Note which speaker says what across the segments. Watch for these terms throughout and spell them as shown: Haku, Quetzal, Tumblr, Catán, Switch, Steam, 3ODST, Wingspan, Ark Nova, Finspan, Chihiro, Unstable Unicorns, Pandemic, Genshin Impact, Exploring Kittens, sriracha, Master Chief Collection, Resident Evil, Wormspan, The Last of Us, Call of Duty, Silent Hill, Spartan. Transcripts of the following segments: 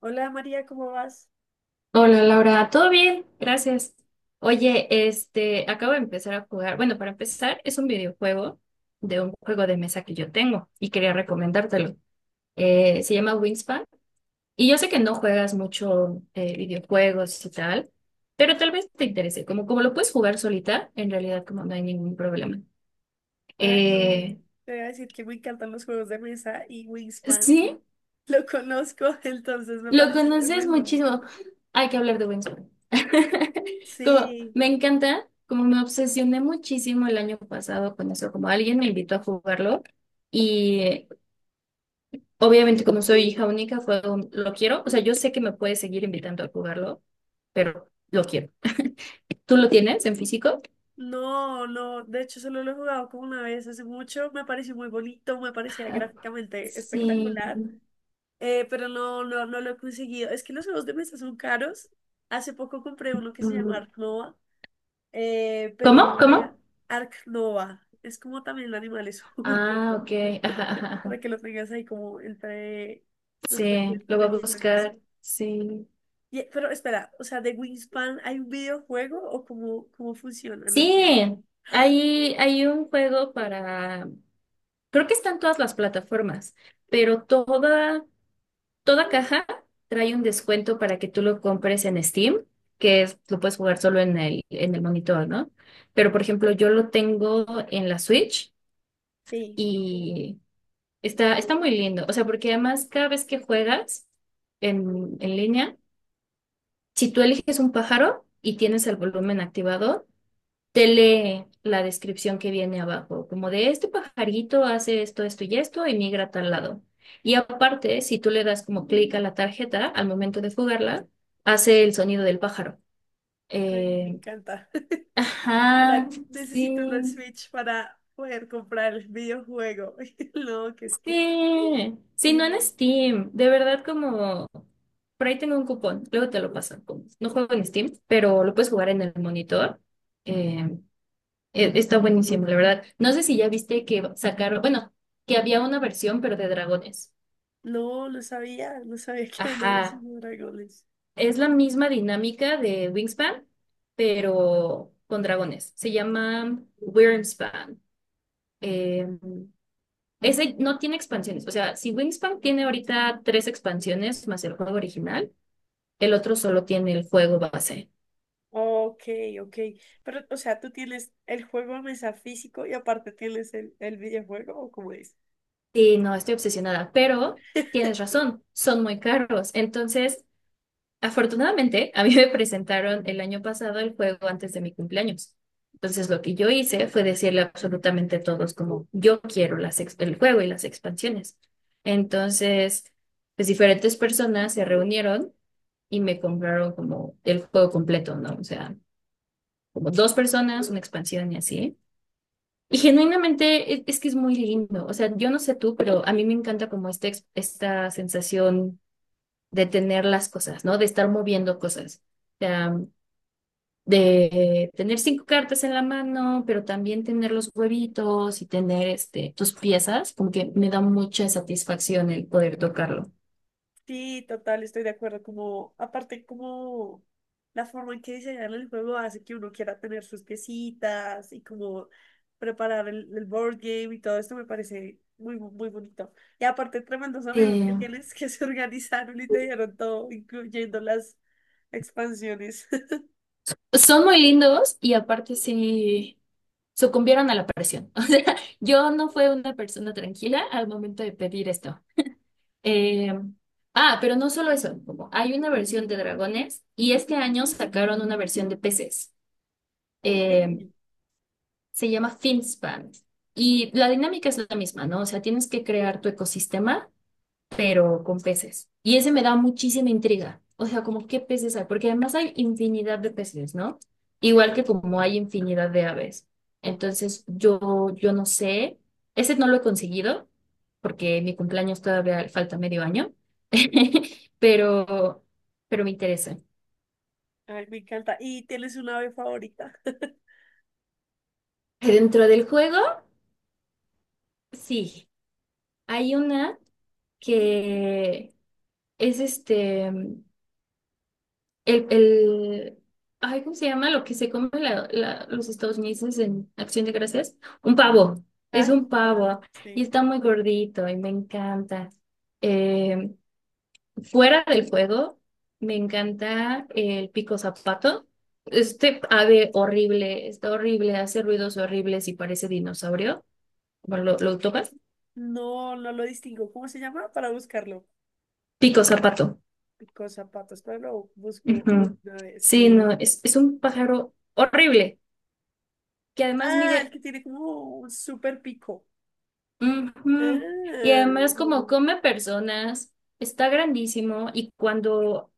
Speaker 1: Hola María, ¿cómo vas?
Speaker 2: Hola Laura, ¿todo bien? Gracias. Oye, acabo de empezar a jugar. Bueno, para empezar, es un videojuego de un juego de mesa que yo tengo y quería recomendártelo. Se llama Wingspan y yo sé que no juegas mucho videojuegos y tal, pero tal vez te interese. Como, como lo puedes jugar solita, en realidad como no hay ningún problema.
Speaker 1: Ay, no,
Speaker 2: Eh,
Speaker 1: te voy a decir que me encantan los juegos de mesa y Wingspan.
Speaker 2: sí,
Speaker 1: Lo conozco, entonces me
Speaker 2: lo
Speaker 1: parece
Speaker 2: conoces
Speaker 1: tremendo.
Speaker 2: muchísimo. Hay que hablar de Wings. Como,
Speaker 1: Sí,
Speaker 2: me encanta, como me obsesioné muchísimo el año pasado con eso, como alguien me invitó a jugarlo y obviamente como soy hija única fue un, lo quiero, o sea, yo sé que me puedes seguir invitando a jugarlo, pero lo quiero. ¿Tú lo tienes en físico?
Speaker 1: no, no, de hecho solo lo he jugado como una vez hace mucho, me pareció muy bonito, me parecía
Speaker 2: Ajá.
Speaker 1: gráficamente
Speaker 2: Sí.
Speaker 1: espectacular, pero no lo he conseguido. Es que los juegos de mesa son caros. Hace poco compré uno que se llama
Speaker 2: Mm.
Speaker 1: Ark Nova, pero no
Speaker 2: ¿Cómo?
Speaker 1: sabía-
Speaker 2: ¿Cómo?
Speaker 1: Ark Nova. Es como también animales un poco.
Speaker 2: Ah, ok. Ajá, ajá, ajá.
Speaker 1: Para que lo tengas ahí como entre tus
Speaker 2: Sí, lo
Speaker 1: pendientes
Speaker 2: voy
Speaker 1: de
Speaker 2: a
Speaker 1: juegos de mesa.
Speaker 2: buscar. Sí.
Speaker 1: Y- pero espera, o sea, de Wingspan hay un videojuego o cómo funciona, no entiendo.
Speaker 2: Sí,
Speaker 1: Ah,
Speaker 2: hay un juego para, creo que están todas las plataformas, pero toda caja trae un descuento para que tú lo compres en Steam, que es, lo puedes jugar solo en en el monitor, ¿no? Pero, por ejemplo, yo lo tengo en la Switch
Speaker 1: sí,
Speaker 2: y está muy lindo. O sea, porque además cada vez que juegas en línea, si tú eliges un pájaro y tienes el volumen activado, te lee la descripción que viene abajo, como de este pajarito hace esto, esto y esto y migra a tal lado. Y aparte, si tú le das como clic a la tarjeta al momento de jugarla, hace el sonido del pájaro.
Speaker 1: ay, me
Speaker 2: Eh,
Speaker 1: encanta. Ahora
Speaker 2: ajá,
Speaker 1: necesito una
Speaker 2: sí,
Speaker 1: Switch para poder comprar el videojuego. No, que es que
Speaker 2: sí,
Speaker 1: qué
Speaker 2: sí, no en
Speaker 1: genial.
Speaker 2: Steam, de verdad como... Por ahí tengo un cupón, luego te lo paso. No juego en Steam, pero lo puedes jugar en el monitor. Eh, Está buenísimo, la verdad. No sé si ya viste que sacaron, bueno, que había una versión, pero de dragones.
Speaker 1: No, no sabía, no sabía que había una versión
Speaker 2: Ajá.
Speaker 1: de dragones.
Speaker 2: Es la misma dinámica de Wingspan, pero con dragones. Se llama Wormspan. Eh, Ese no tiene expansiones. O sea, si Wingspan tiene ahorita 3 expansiones más el juego original, el otro solo tiene el juego base.
Speaker 1: Ok, ok. Pero, o sea, tú tienes el juego a mesa físico y aparte tienes el videojuego, ¿o cómo es?
Speaker 2: Sí, no, estoy obsesionada, pero tienes razón, son muy caros. Entonces, afortunadamente, a mí me presentaron el año pasado el juego antes de mi cumpleaños. Entonces, lo que yo hice fue decirle absolutamente a todos como yo quiero las el juego y las expansiones. Entonces, pues diferentes personas se reunieron y me compraron como el juego completo, ¿no? O sea, como dos personas, una expansión y así. Y genuinamente es, que es muy lindo. O sea, yo no sé tú, pero a mí me encanta como esta sensación de tener las cosas, ¿no? De estar moviendo cosas. O sea, de tener 5 cartas en la mano, pero también tener los huevitos y tener tus piezas, como que me da mucha satisfacción el poder tocarlo.
Speaker 1: Sí, total, estoy de acuerdo. Como, aparte, como la forma en que diseñan el juego hace que uno quiera tener sus piecitas y como preparar el board game y todo esto me parece muy, muy bonito. Y aparte, tremendos amigos que
Speaker 2: Eh,
Speaker 1: tienes que se organizaron y te dieron todo, incluyendo las expansiones.
Speaker 2: Son muy lindos y aparte sí sucumbieron a la presión. O sea, yo no fui una persona tranquila al momento de pedir esto. Eh, pero no solo eso, como hay una versión de dragones y este año sacaron una versión de peces.
Speaker 1: Ok,
Speaker 2: Eh, Se llama Finspan. Y la dinámica es la misma, ¿no? O sea, tienes que crear tu ecosistema, pero con peces. Y ese me da muchísima intriga. O sea, como qué peces hay, porque además hay infinidad de peces, ¿no? Igual
Speaker 1: sí,
Speaker 2: que como hay infinidad de aves.
Speaker 1: total.
Speaker 2: Entonces, yo no sé, ese no lo he conseguido, porque mi cumpleaños todavía falta medio año, pero, pero me interesa.
Speaker 1: Ay, me encanta. ¿Y tienes una ave favorita?
Speaker 2: Dentro del juego, sí, hay una que es el, el, ay, ¿cómo se llama? Lo que se come los estadounidenses en Acción de Gracias. Un pavo, es
Speaker 1: Ah,
Speaker 2: un
Speaker 1: no,
Speaker 2: pavo y
Speaker 1: sí.
Speaker 2: está muy gordito y me encanta. Eh, Fuera del juego, me encanta el pico zapato. Este ave horrible, está horrible, hace ruidos horribles y parece dinosaurio. Bueno, lo tocas?
Speaker 1: No, no lo distingo. ¿Cómo se llama? Para buscarlo.
Speaker 2: Pico zapato.
Speaker 1: Pico zapatos, pero lo busco
Speaker 2: Ujú.
Speaker 1: una vez.
Speaker 2: Sí, no, es un pájaro horrible que además
Speaker 1: Ah, el
Speaker 2: mide.
Speaker 1: que tiene como un super pico.
Speaker 2: Ujú. Y
Speaker 1: Ah,
Speaker 2: además como come personas, está grandísimo y cuando,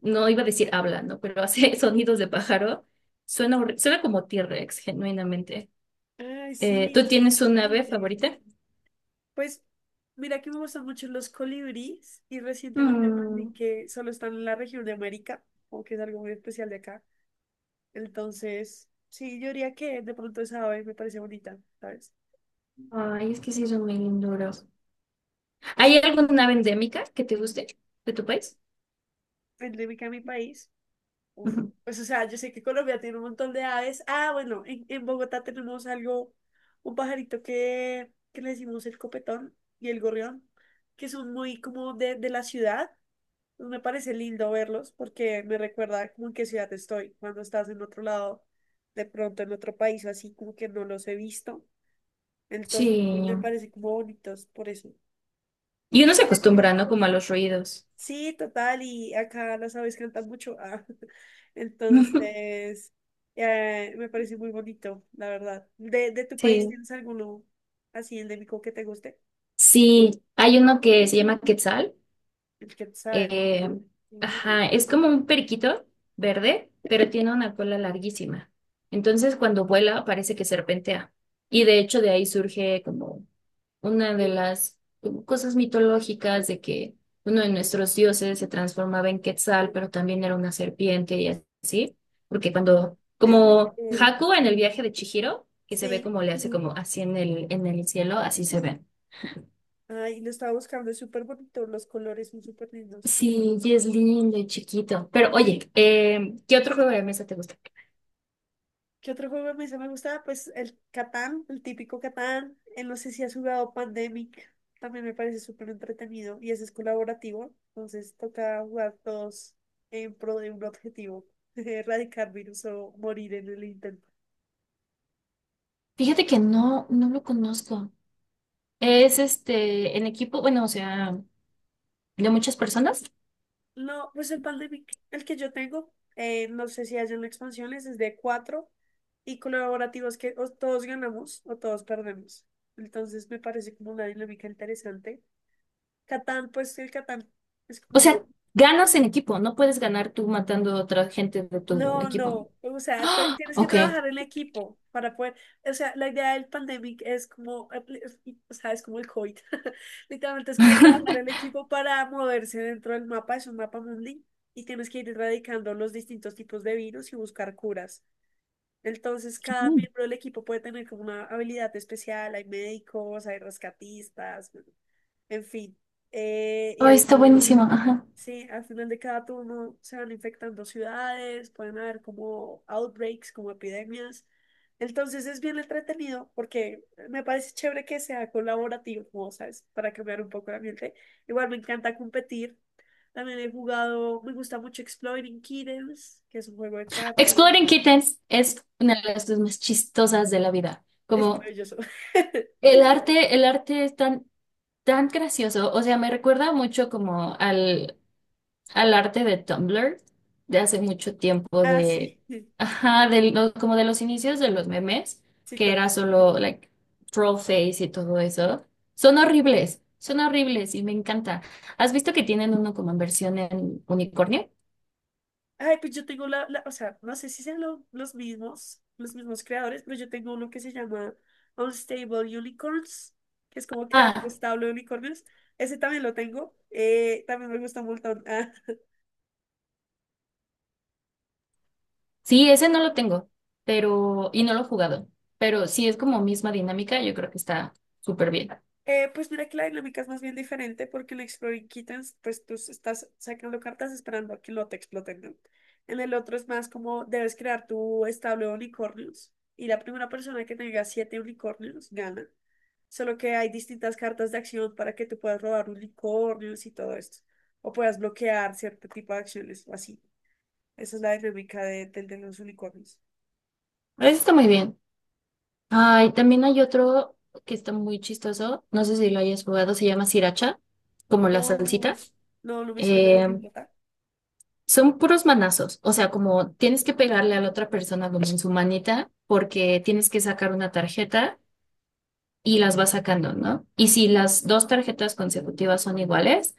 Speaker 2: no iba a decir habla, ¿no? Pero hace sonidos de pájaro, suena como T-Rex, genuinamente.
Speaker 1: ay, sí,
Speaker 2: ¿Tú
Speaker 1: es que es
Speaker 2: tienes un ave
Speaker 1: gigante.
Speaker 2: favorita?
Speaker 1: Pues mira que me gustan mucho los colibríes y recientemente aprendí
Speaker 2: Mm.
Speaker 1: que solo están en la región de América, como que es algo muy especial de acá. Entonces, sí, yo diría que de pronto esa ave me parece bonita, ¿sabes?
Speaker 2: Ay, es que sí son muy linduros. ¿Hay
Speaker 1: Sí,
Speaker 2: alguna ave endémica que te guste de tu país?
Speaker 1: endémica a mi país. Uf,
Speaker 2: Ujú.
Speaker 1: pues o sea, yo sé que Colombia tiene un montón de aves. Ah, bueno, en Bogotá tenemos algo, un pajarito que le decimos el copetón y el gorrión, que son muy como de la ciudad. Pues me parece lindo verlos porque me recuerda como en qué ciudad estoy. Cuando estás en otro lado, de pronto en otro país o así, como que no los he visto. Entonces,
Speaker 2: Sí.
Speaker 1: me parece como bonitos por eso.
Speaker 2: Y
Speaker 1: ¿Y tú
Speaker 2: uno se
Speaker 1: eres de México?
Speaker 2: acostumbra, ¿no? Como a los ruidos.
Speaker 1: Sí, total, y acá las aves cantan mucho. Ah. Entonces, me parece muy bonito, la verdad. De tu país
Speaker 2: Sí.
Speaker 1: tienes alguno así endémico que te guste?
Speaker 2: Sí, hay uno que se llama Quetzal.
Speaker 1: El quetzal.
Speaker 2: Eh,
Speaker 1: Mm.
Speaker 2: ajá, es como un periquito verde, pero tiene una cola larguísima. Entonces, cuando vuela, parece que serpentea. Y de hecho, de ahí surge como una de las cosas mitológicas de que uno de nuestros dioses se transformaba en Quetzal, pero también era una serpiente y así. Porque cuando,
Speaker 1: Es de-
Speaker 2: como
Speaker 1: eh,
Speaker 2: Haku en el viaje de Chihiro, que se ve
Speaker 1: sí,
Speaker 2: como le hace como así en en el cielo, así se ve.
Speaker 1: ay, lo estaba buscando, es súper bonito, los colores son súper lindos.
Speaker 2: Sí, y es lindo y chiquito. Pero oye, ¿qué otro juego de mesa te gusta?
Speaker 1: ¿Qué otro juego me gustaba? Pues el Catán, el típico Catán. No sé si has jugado Pandemic. También me parece súper entretenido y ese es colaborativo. Entonces toca jugar todos en pro de un objetivo, erradicar virus o morir en el intento.
Speaker 2: Fíjate que no lo conozco. Es en equipo, bueno, o sea, de muchas personas.
Speaker 1: No, pues el Pandemic, el que yo tengo, no sé si hay una expansión, ese es de cuatro y colaborativos que o todos ganamos o todos perdemos. Entonces me parece como una dinámica interesante. Catán, pues el Catán. Es
Speaker 2: O
Speaker 1: como
Speaker 2: sea, ganas en equipo, no puedes ganar tú matando a otra gente de tu
Speaker 1: no,
Speaker 2: equipo.
Speaker 1: no, o sea,
Speaker 2: ¡Ah!
Speaker 1: tienes que
Speaker 2: Ok.
Speaker 1: trabajar en equipo para poder, o sea, la idea del pandemic es como, o sea, es como el COVID, literalmente es como trabajar en equipo para moverse dentro del mapa, es un mapa mundi, y tienes que ir erradicando los distintos tipos de virus y buscar curas. Entonces, cada
Speaker 2: Mm.
Speaker 1: miembro del equipo puede tener como una habilidad especial, hay médicos, hay rescatistas, bueno, en fin.
Speaker 2: Oh,
Speaker 1: Y al
Speaker 2: está buenísimo. Ajá.
Speaker 1: Sí, al final de cada turno se van infectando ciudades, pueden haber como outbreaks, como epidemias. Entonces es bien entretenido porque me parece chévere que sea colaborativo, ¿sabes? Para cambiar un poco el ambiente. Igual me encanta competir. También he jugado, me gusta mucho Exploring Kittens, que es un juego de cartas.
Speaker 2: Exploring Kittens es una de las cosas más chistosas de la vida.
Speaker 1: Es
Speaker 2: Como
Speaker 1: maravilloso.
Speaker 2: el arte es tan gracioso. O sea, me recuerda mucho como al arte de Tumblr de hace mucho tiempo
Speaker 1: Ah,
Speaker 2: de,
Speaker 1: sí,
Speaker 2: ajá, de como de los inicios de los memes,
Speaker 1: sí,
Speaker 2: que era
Speaker 1: total.
Speaker 2: solo like troll face y todo eso. Son horribles y me encanta. ¿Has visto que tienen uno como en versión en unicornio?
Speaker 1: Ay, pues yo tengo o sea, no sé si sean los mismos creadores, pero yo tengo uno que se llama Unstable Unicorns, que es como crear un
Speaker 2: Ah,
Speaker 1: establo de unicornios. Ese también lo tengo. También me gusta un montón.
Speaker 2: sí, ese no lo tengo, pero no lo he jugado, pero sí es como misma dinámica, yo creo que está súper bien.
Speaker 1: Pues mira que la dinámica es más bien diferente porque en Exploring Kittens, pues tú estás sacando cartas esperando a que no te exploten, ¿no? En el otro es más como debes crear tu establo de unicornios y la primera persona que tenga siete unicornios gana. Solo que hay distintas cartas de acción para que tú puedas robar unicornios y todo esto. O puedas bloquear cierto tipo de acciones o así. Esa es la dinámica del de los unicornios.
Speaker 2: Eso está muy bien. Ay, también hay otro que está muy chistoso, no sé si lo hayas jugado, se llama sriracha, como la salsita.
Speaker 1: No, no, no me suena de qué
Speaker 2: Eh,
Speaker 1: tratar.
Speaker 2: Son puros manazos, o sea, como tienes que pegarle a la otra persona como en su manita, porque tienes que sacar una tarjeta y las vas sacando, ¿no? Y si las dos tarjetas consecutivas son iguales,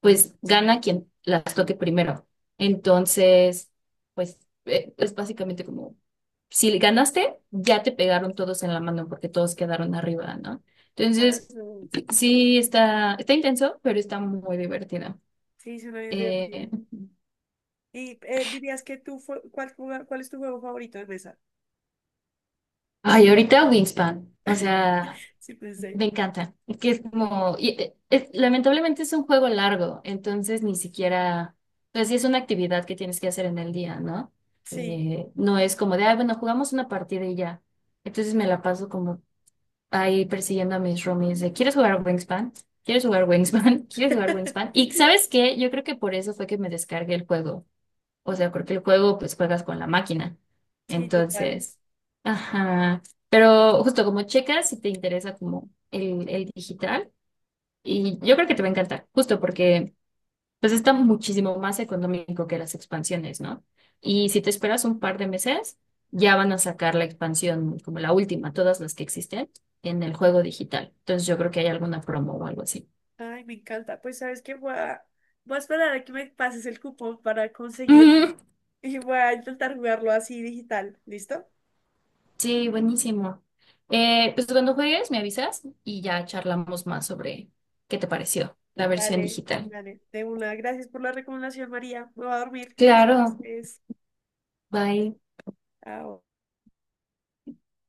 Speaker 2: pues gana quien las toque primero. Entonces, pues es básicamente como, si ganaste, ya te pegaron todos en la mano porque todos quedaron arriba, ¿no?
Speaker 1: Ah,
Speaker 2: Entonces,
Speaker 1: no.
Speaker 2: sí, está intenso, pero está muy divertido.
Speaker 1: Sí, suena bien divertido.
Speaker 2: Eh,
Speaker 1: Y dirías que tú, ¿cuál, cuál es tu juego favorito de mesa?
Speaker 2: Ay, ahorita Wingspan, o sea...
Speaker 1: Sí, pensé.
Speaker 2: Me encanta. Es que es como, lamentablemente es un juego largo, entonces ni siquiera, pues sí es una actividad que tienes que hacer en el día, ¿no?
Speaker 1: Sí,
Speaker 2: No es como de, ah, bueno, jugamos una partida y ya. Entonces me la paso como ahí persiguiendo a mis roomies de, ¿quieres jugar Wingspan? ¿Quieres jugar Wingspan? ¿Quieres jugar Wingspan? Y ¿sabes qué? Yo creo que por eso fue que me descargué el juego. O sea, porque el juego, pues juegas con la máquina.
Speaker 1: sí, total.
Speaker 2: Entonces, ajá. Pero justo como checas, si te interesa como el digital, y yo creo que te va a encantar, justo porque pues está muchísimo más económico que las expansiones, ¿no? Y si te esperas un par de meses, ya van a sacar la expansión como la última, todas las que existen en el juego digital. Entonces yo creo que hay alguna promo o algo así.
Speaker 1: Ay, me encanta. Pues sabes que voy a esperar a que me pases el cupón para conseguir y voy a intentar jugarlo así digital. ¿Listo?
Speaker 2: Sí, buenísimo. Pues cuando juegues me avisas y ya charlamos más sobre qué te pareció la versión
Speaker 1: Vale,
Speaker 2: digital.
Speaker 1: vale. De una. Gracias por la recomendación, María. Me voy a dormir, que
Speaker 2: Claro,
Speaker 1: es,
Speaker 2: bye.
Speaker 1: ah,